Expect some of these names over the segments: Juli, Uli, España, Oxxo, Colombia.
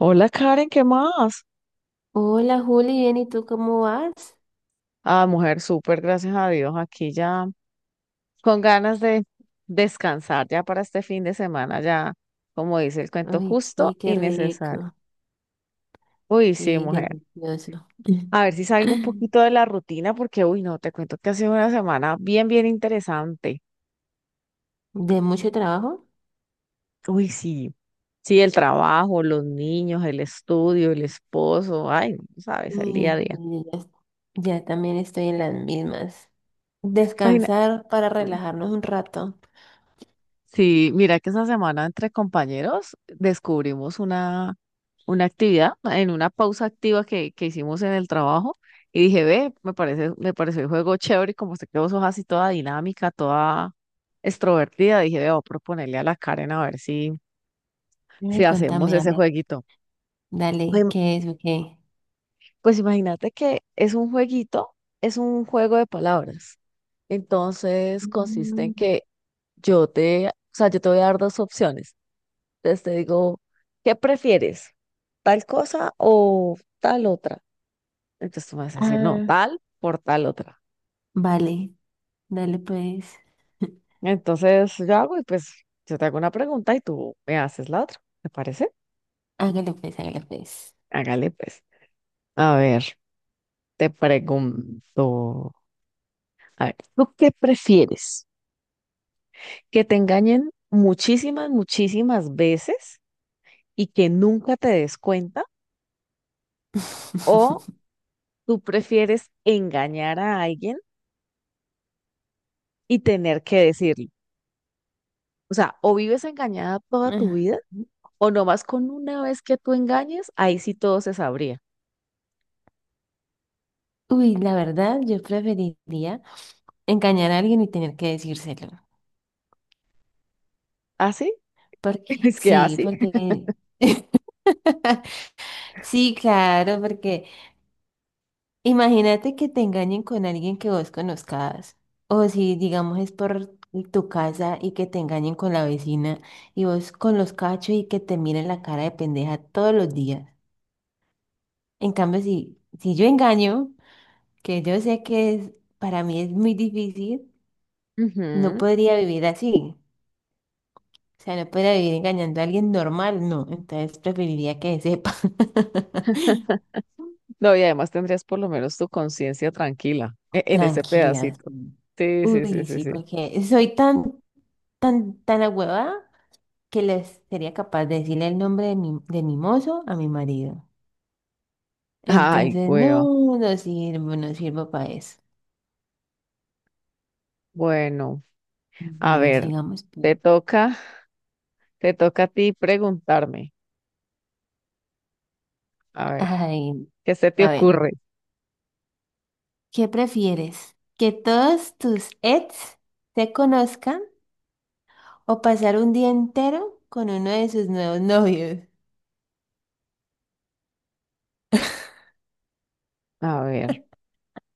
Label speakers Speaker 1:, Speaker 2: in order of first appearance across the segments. Speaker 1: Hola Karen, ¿qué más?
Speaker 2: Hola Juli, bien, ¿y tú cómo vas?
Speaker 1: Ah, mujer, súper, gracias a Dios. Aquí ya con ganas de descansar ya para este fin de semana, ya como dice el cuento,
Speaker 2: Ay, sí,
Speaker 1: justo
Speaker 2: qué
Speaker 1: y necesario.
Speaker 2: rico,
Speaker 1: Uy, sí,
Speaker 2: sí,
Speaker 1: mujer.
Speaker 2: delicioso.
Speaker 1: A ver si salgo un poquito de la rutina porque, uy, no, te cuento que ha sido una semana bien, bien interesante.
Speaker 2: ¿De mucho trabajo?
Speaker 1: Uy, sí. Sí, el trabajo, los niños, el estudio, el esposo, ay, no sabes, el día
Speaker 2: Ay,
Speaker 1: a día.
Speaker 2: sí, ya, ya también estoy en las mismas.
Speaker 1: Imagina.
Speaker 2: Descansar para relajarnos un rato.
Speaker 1: Sí, mira que esa semana entre compañeros descubrimos una actividad en una pausa activa que hicimos en el trabajo y dije, ve, me parece, me pareció el juego chévere y como se quedó sos así toda dinámica, toda extrovertida, dije, ve, voy a proponerle a la Karen a ver si, si
Speaker 2: Ay,
Speaker 1: hacemos
Speaker 2: contame, a
Speaker 1: ese
Speaker 2: ver,
Speaker 1: jueguito.
Speaker 2: dale,
Speaker 1: Em,
Speaker 2: ¿qué es o qué?
Speaker 1: Pues imagínate que es un jueguito, es un juego de palabras. Entonces consiste
Speaker 2: Mm.
Speaker 1: en que yo te, o sea, yo te voy a dar dos opciones. Entonces te digo, ¿qué prefieres? ¿Tal cosa o tal otra? Entonces tú me vas a decir, no,
Speaker 2: Ah,
Speaker 1: tal por tal otra.
Speaker 2: vale, dale pues,
Speaker 1: Entonces yo hago y pues yo te hago una pregunta y tú me haces la otra. ¿Te parece?
Speaker 2: hágale pues, hágale pues.
Speaker 1: Hágale pues. A ver, te pregunto. A ver, ¿tú qué prefieres? ¿Que te engañen muchísimas, muchísimas veces y que nunca te des cuenta? ¿O tú prefieres engañar a alguien y tener que decirlo? O sea, o vives engañada toda tu vida, o nomás con una vez que tú engañes, ahí sí todo se sabría.
Speaker 2: Uy, la verdad, yo preferiría engañar a alguien y tener que decírselo.
Speaker 1: ¿Así?
Speaker 2: Porque,
Speaker 1: Es que
Speaker 2: sí,
Speaker 1: así.
Speaker 2: porque, sí, claro, porque imagínate que te engañen con alguien que vos conozcas. O si, digamos, es por tu casa y que te engañen con la vecina y vos con los cachos y que te miren la cara de pendeja todos los días. En cambio, si, si yo engaño, que yo sé que es, para mí es muy difícil, no
Speaker 1: Ujú.
Speaker 2: podría vivir así. O sea, no podría vivir engañando a alguien normal, no. Entonces preferiría que sepa.
Speaker 1: No, y además tendrías por lo menos tu conciencia tranquila en ese
Speaker 2: Tranquila,
Speaker 1: pedacito.
Speaker 2: sí.
Speaker 1: Sí, sí, sí,
Speaker 2: Uy,
Speaker 1: sí,
Speaker 2: sí,
Speaker 1: sí.
Speaker 2: porque soy tan ahuevada que les sería capaz de decirle el nombre de mi mozo a mi marido.
Speaker 1: Ay,
Speaker 2: Entonces,
Speaker 1: hueva.
Speaker 2: no, no sirvo, no sirvo para eso.
Speaker 1: Bueno, a
Speaker 2: Bueno,
Speaker 1: ver,
Speaker 2: sigamos pues.
Speaker 1: te toca, te toca a ti preguntarme. A ver,
Speaker 2: Ay,
Speaker 1: ¿qué se te
Speaker 2: a ver,
Speaker 1: ocurre?
Speaker 2: ¿qué prefieres? ¿Que todos tus ex te conozcan o pasar un día entero con uno de sus nuevos novios?
Speaker 1: A ver,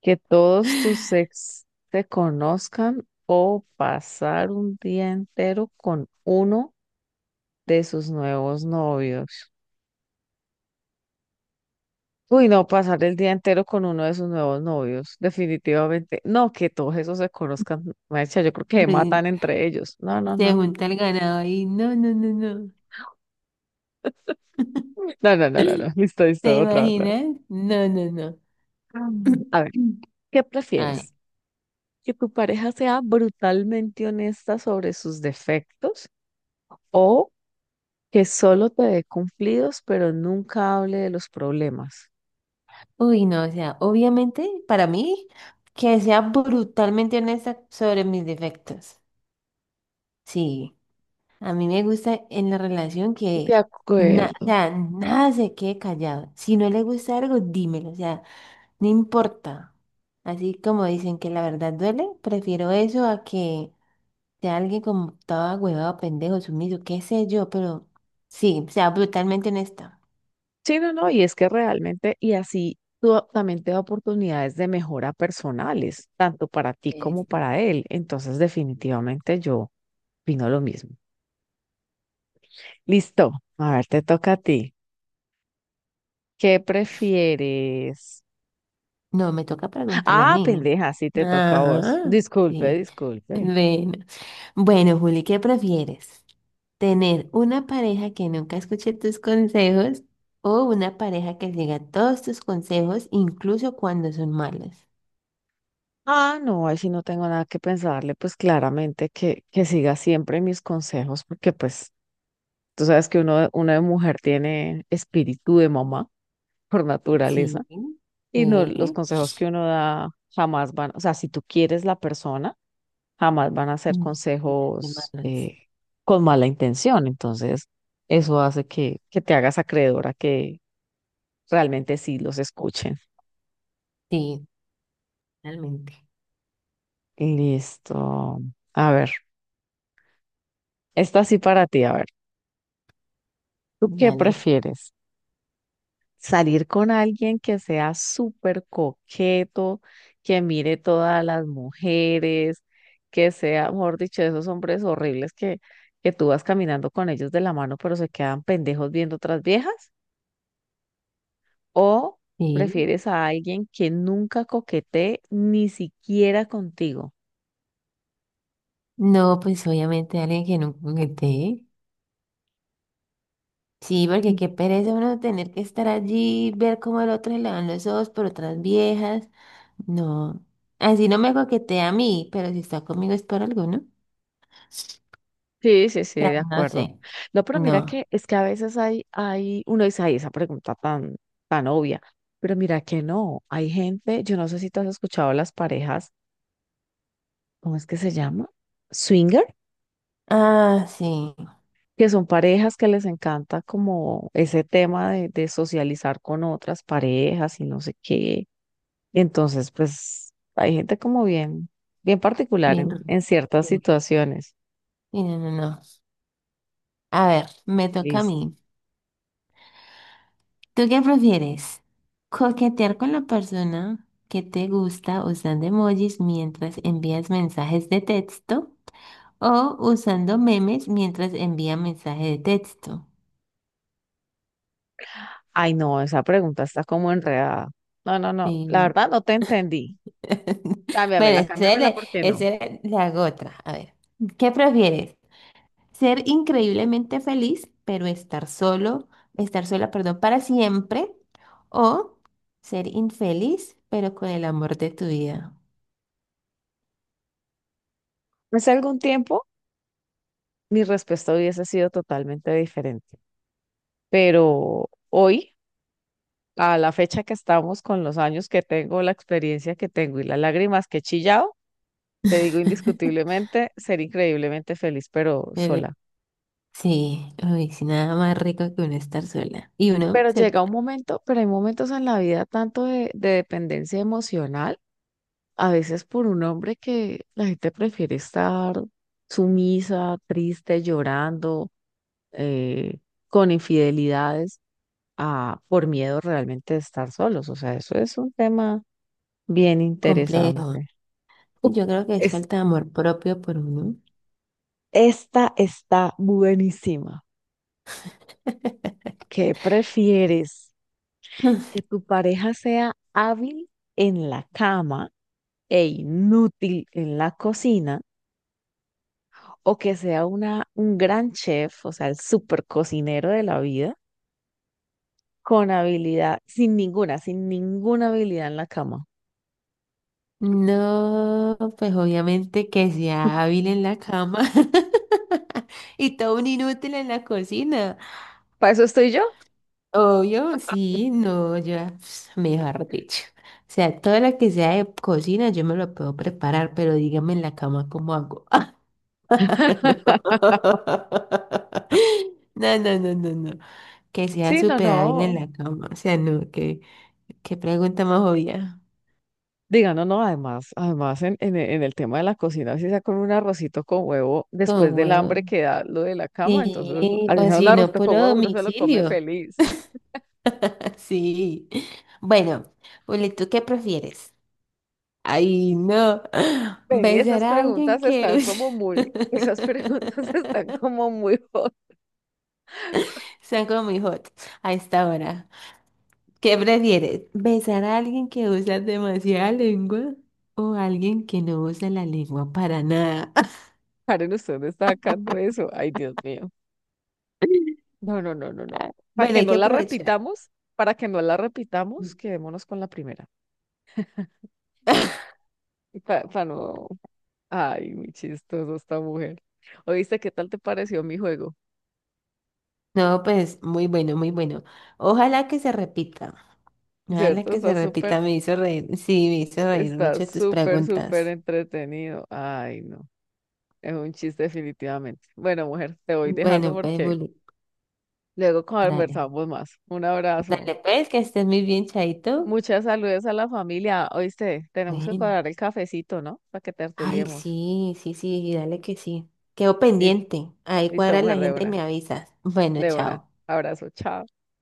Speaker 1: que todos tus ex te conozcan o pasar un día entero con uno de sus nuevos novios. Uy, no, pasar el día entero con uno de sus nuevos novios, definitivamente. No, que todos esos se conozcan, maestra, yo creo que se
Speaker 2: Me-
Speaker 1: matan entre ellos. No, no,
Speaker 2: Se
Speaker 1: no, no.
Speaker 2: junta el ganado ahí. No, no, no, no.
Speaker 1: No, no, no, no, no. Listo, listo,
Speaker 2: ¿Te
Speaker 1: otra, otra.
Speaker 2: imaginas? No, no, no.
Speaker 1: Mm. A ver, ¿qué
Speaker 2: Ay.
Speaker 1: prefieres? ¿Que tu pareja sea brutalmente honesta sobre sus defectos o que solo te dé cumplidos, pero nunca hable de los problemas?
Speaker 2: Uy, no, o sea, obviamente para mí que sea brutalmente honesta sobre mis defectos. Sí, a mí me gusta en la relación
Speaker 1: De
Speaker 2: que o
Speaker 1: acuerdo.
Speaker 2: sea, nada se quede callado. Si no le gusta algo, dímelo, o sea, no importa. Así como dicen que la verdad duele, prefiero eso a que sea alguien como estaba huevado, pendejo, sumiso, qué sé yo, pero sí, o sea, brutalmente honesta.
Speaker 1: Sí, no, no, y es que realmente, y así también te da oportunidades de mejora personales, tanto para ti
Speaker 2: Sí,
Speaker 1: como
Speaker 2: sí.
Speaker 1: para él. Entonces, definitivamente yo opino lo mismo. Listo, a ver, te toca a ti. ¿Qué prefieres?
Speaker 2: No, me toca preguntarle a
Speaker 1: Ah,
Speaker 2: mí.
Speaker 1: pendeja, sí te toca a vos.
Speaker 2: Ajá.
Speaker 1: Disculpe,
Speaker 2: Sí,
Speaker 1: disculpe.
Speaker 2: bueno. Bueno, Juli, ¿qué prefieres? ¿Tener una pareja que nunca escuche tus consejos o una pareja que siga todos tus consejos, incluso cuando son malos?
Speaker 1: Ah, no, ahí sí no tengo nada que pensarle, pues claramente que siga siempre mis consejos, porque pues tú sabes que uno, una de mujer tiene espíritu de mamá por naturaleza.
Speaker 2: Sí,
Speaker 1: Y no, los
Speaker 2: sí,
Speaker 1: consejos que uno da jamás van, o sea, si tú quieres la persona, jamás van a ser
Speaker 2: mm, ya, son
Speaker 1: consejos
Speaker 2: malos.
Speaker 1: con mala intención. Entonces, eso hace que te hagas acreedora que realmente sí los escuchen.
Speaker 2: Sí, realmente.
Speaker 1: Listo. A ver, esta sí para ti, a ver. ¿Tú qué
Speaker 2: Dale.
Speaker 1: prefieres? Salir con alguien que sea súper coqueto, que mire todas las mujeres, que sea, mejor dicho, esos hombres horribles que tú vas caminando con ellos de la mano, pero se quedan pendejos viendo otras viejas, o
Speaker 2: Sí,
Speaker 1: prefieres a alguien que nunca coquetee ni siquiera contigo.
Speaker 2: no, pues obviamente alguien que no conecté. Sí, porque qué pereza uno tener que estar allí, ver cómo al otro se le van los ojos por otras viejas. No, así no me coquetea a mí, pero si está conmigo es por alguno. O
Speaker 1: Sí, sí, sí,
Speaker 2: sea,
Speaker 1: de
Speaker 2: no
Speaker 1: acuerdo.
Speaker 2: sé.
Speaker 1: No, pero mira
Speaker 2: No.
Speaker 1: que es que a veces hay, uno dice, ay, esa pregunta tan, tan obvia, pero mira que no, hay gente, yo no sé si tú has escuchado las parejas, ¿cómo es que se llama? Swinger,
Speaker 2: Ah, sí.
Speaker 1: que son parejas que les encanta como ese tema de socializar con otras parejas y no sé qué. Entonces, pues hay gente como bien, bien particular
Speaker 2: Bien.
Speaker 1: en, en ciertas
Speaker 2: Sí.
Speaker 1: situaciones.
Speaker 2: Sí, no, no, no. A ver, me toca a
Speaker 1: Listo.
Speaker 2: mí. ¿Tú qué prefieres? ¿Coquetear con la persona que te gusta usando emojis mientras envías mensajes de texto? O usando memes mientras envía mensaje de texto.
Speaker 1: Ay, no, esa pregunta está como enredada. No, no, no, la
Speaker 2: Sí.
Speaker 1: verdad no te entendí. Cámbiamela,
Speaker 2: Bueno, ese
Speaker 1: cámbiamela,
Speaker 2: le,
Speaker 1: ¿por qué no?
Speaker 2: ese le hago otra. A ver, ¿qué prefieres? ¿Ser increíblemente feliz, pero estar solo, estar sola, perdón, para siempre? ¿O ser infeliz, pero con el amor de tu vida?
Speaker 1: Hace algún tiempo mi respuesta hubiese sido totalmente diferente, pero hoy, a la fecha que estamos, con los años que tengo, la experiencia que tengo y las lágrimas que he chillado, te digo indiscutiblemente, ser increíblemente feliz, pero
Speaker 2: Debe-
Speaker 1: sola.
Speaker 2: Sí, uy, sí, nada más rico que uno estar sola. Y uno
Speaker 1: Pero
Speaker 2: se
Speaker 1: llega un momento, pero hay momentos en la vida tanto de dependencia emocional a veces por un hombre que la gente prefiere estar sumisa, triste, llorando, eh, con infidelidades, a, por miedo realmente de estar solos. O sea, eso es un tema bien
Speaker 2: complejo.
Speaker 1: interesante. Uf,
Speaker 2: Yo creo que es
Speaker 1: es,
Speaker 2: falta de amor propio por uno.
Speaker 1: esta está buenísima. ¿Qué prefieres? ¿Que tu pareja sea hábil en la cama e inútil en la cocina? ¿O que sea un gran chef, o sea, el super cocinero de la vida, con habilidad, sin ninguna, sin ninguna habilidad en la cama?
Speaker 2: No, pues obviamente que sea hábil en la cama y todo un inútil en la cocina.
Speaker 1: Para eso estoy yo.
Speaker 2: Obvio, sí, no, yo, pss, mejor dicho. O sea, todo lo que sea de cocina yo me lo puedo preparar, pero dígame en la cama cómo hago. No, no, no, no, no, no. Que sea
Speaker 1: Sí, no,
Speaker 2: súper hábil en
Speaker 1: no.
Speaker 2: la cama. O sea, no, que, qué pregunta más obvia.
Speaker 1: Diga, no, no, además, además en el tema de la cocina, si sea con un arrocito con huevo, después
Speaker 2: Con
Speaker 1: del
Speaker 2: huevo.
Speaker 1: hambre que da lo de la cama, entonces,
Speaker 2: Sí,
Speaker 1: así
Speaker 2: o
Speaker 1: sea un
Speaker 2: si no,
Speaker 1: arrocito con
Speaker 2: puro
Speaker 1: huevo, uno se lo come
Speaker 2: domicilio.
Speaker 1: feliz.
Speaker 2: Sí. Bueno, Uli, ¿tú qué prefieres? Ay, no.
Speaker 1: Ven, y
Speaker 2: Besar
Speaker 1: esas
Speaker 2: a alguien
Speaker 1: preguntas están
Speaker 2: que
Speaker 1: como muy, esas preguntas están como muy hot.
Speaker 2: son como muy hot a esta hora. ¿Qué prefieres? ¿Besar a alguien que usa demasiada lengua o a alguien que no usa la lengua para nada?
Speaker 1: Karen, usted me está sacando eso. Ay, Dios mío. No, no, no, no, no.
Speaker 2: Ah,
Speaker 1: Para
Speaker 2: bueno,
Speaker 1: que
Speaker 2: hay que
Speaker 1: no la
Speaker 2: aprovechar.
Speaker 1: repitamos, para que no la repitamos, quedémonos con la primera. Para no. Ay, muy chistoso esta mujer. Oíste, ¿qué tal te pareció mi juego?
Speaker 2: No, pues muy bueno, muy bueno. Ojalá que se repita. Ojalá
Speaker 1: ¿Cierto?
Speaker 2: que se repita. Me hizo reír. Sí, me hizo reír
Speaker 1: Está
Speaker 2: mucho tus
Speaker 1: súper, súper
Speaker 2: preguntas.
Speaker 1: entretenido. Ay, no. Es un chiste definitivamente. Bueno, mujer, te voy dejando
Speaker 2: Bueno, pues,
Speaker 1: porque
Speaker 2: Juli,
Speaker 1: luego
Speaker 2: dale.
Speaker 1: conversamos más. Un abrazo.
Speaker 2: Dale, pues, que estés muy bien, Chaito.
Speaker 1: Muchas saludes a la familia. Oíste, tenemos que
Speaker 2: Bueno.
Speaker 1: cuadrar el cafecito, ¿no? Para que
Speaker 2: Ay,
Speaker 1: tertuliemos.
Speaker 2: sí, sí, sí, dale que sí. Quedo
Speaker 1: Lis-
Speaker 2: pendiente. Ahí
Speaker 1: Listo,
Speaker 2: cuadra la
Speaker 1: mujer, de
Speaker 2: agenda y
Speaker 1: una.
Speaker 2: me avisas. Bueno,
Speaker 1: De una.
Speaker 2: chao.
Speaker 1: Abrazo. Chao.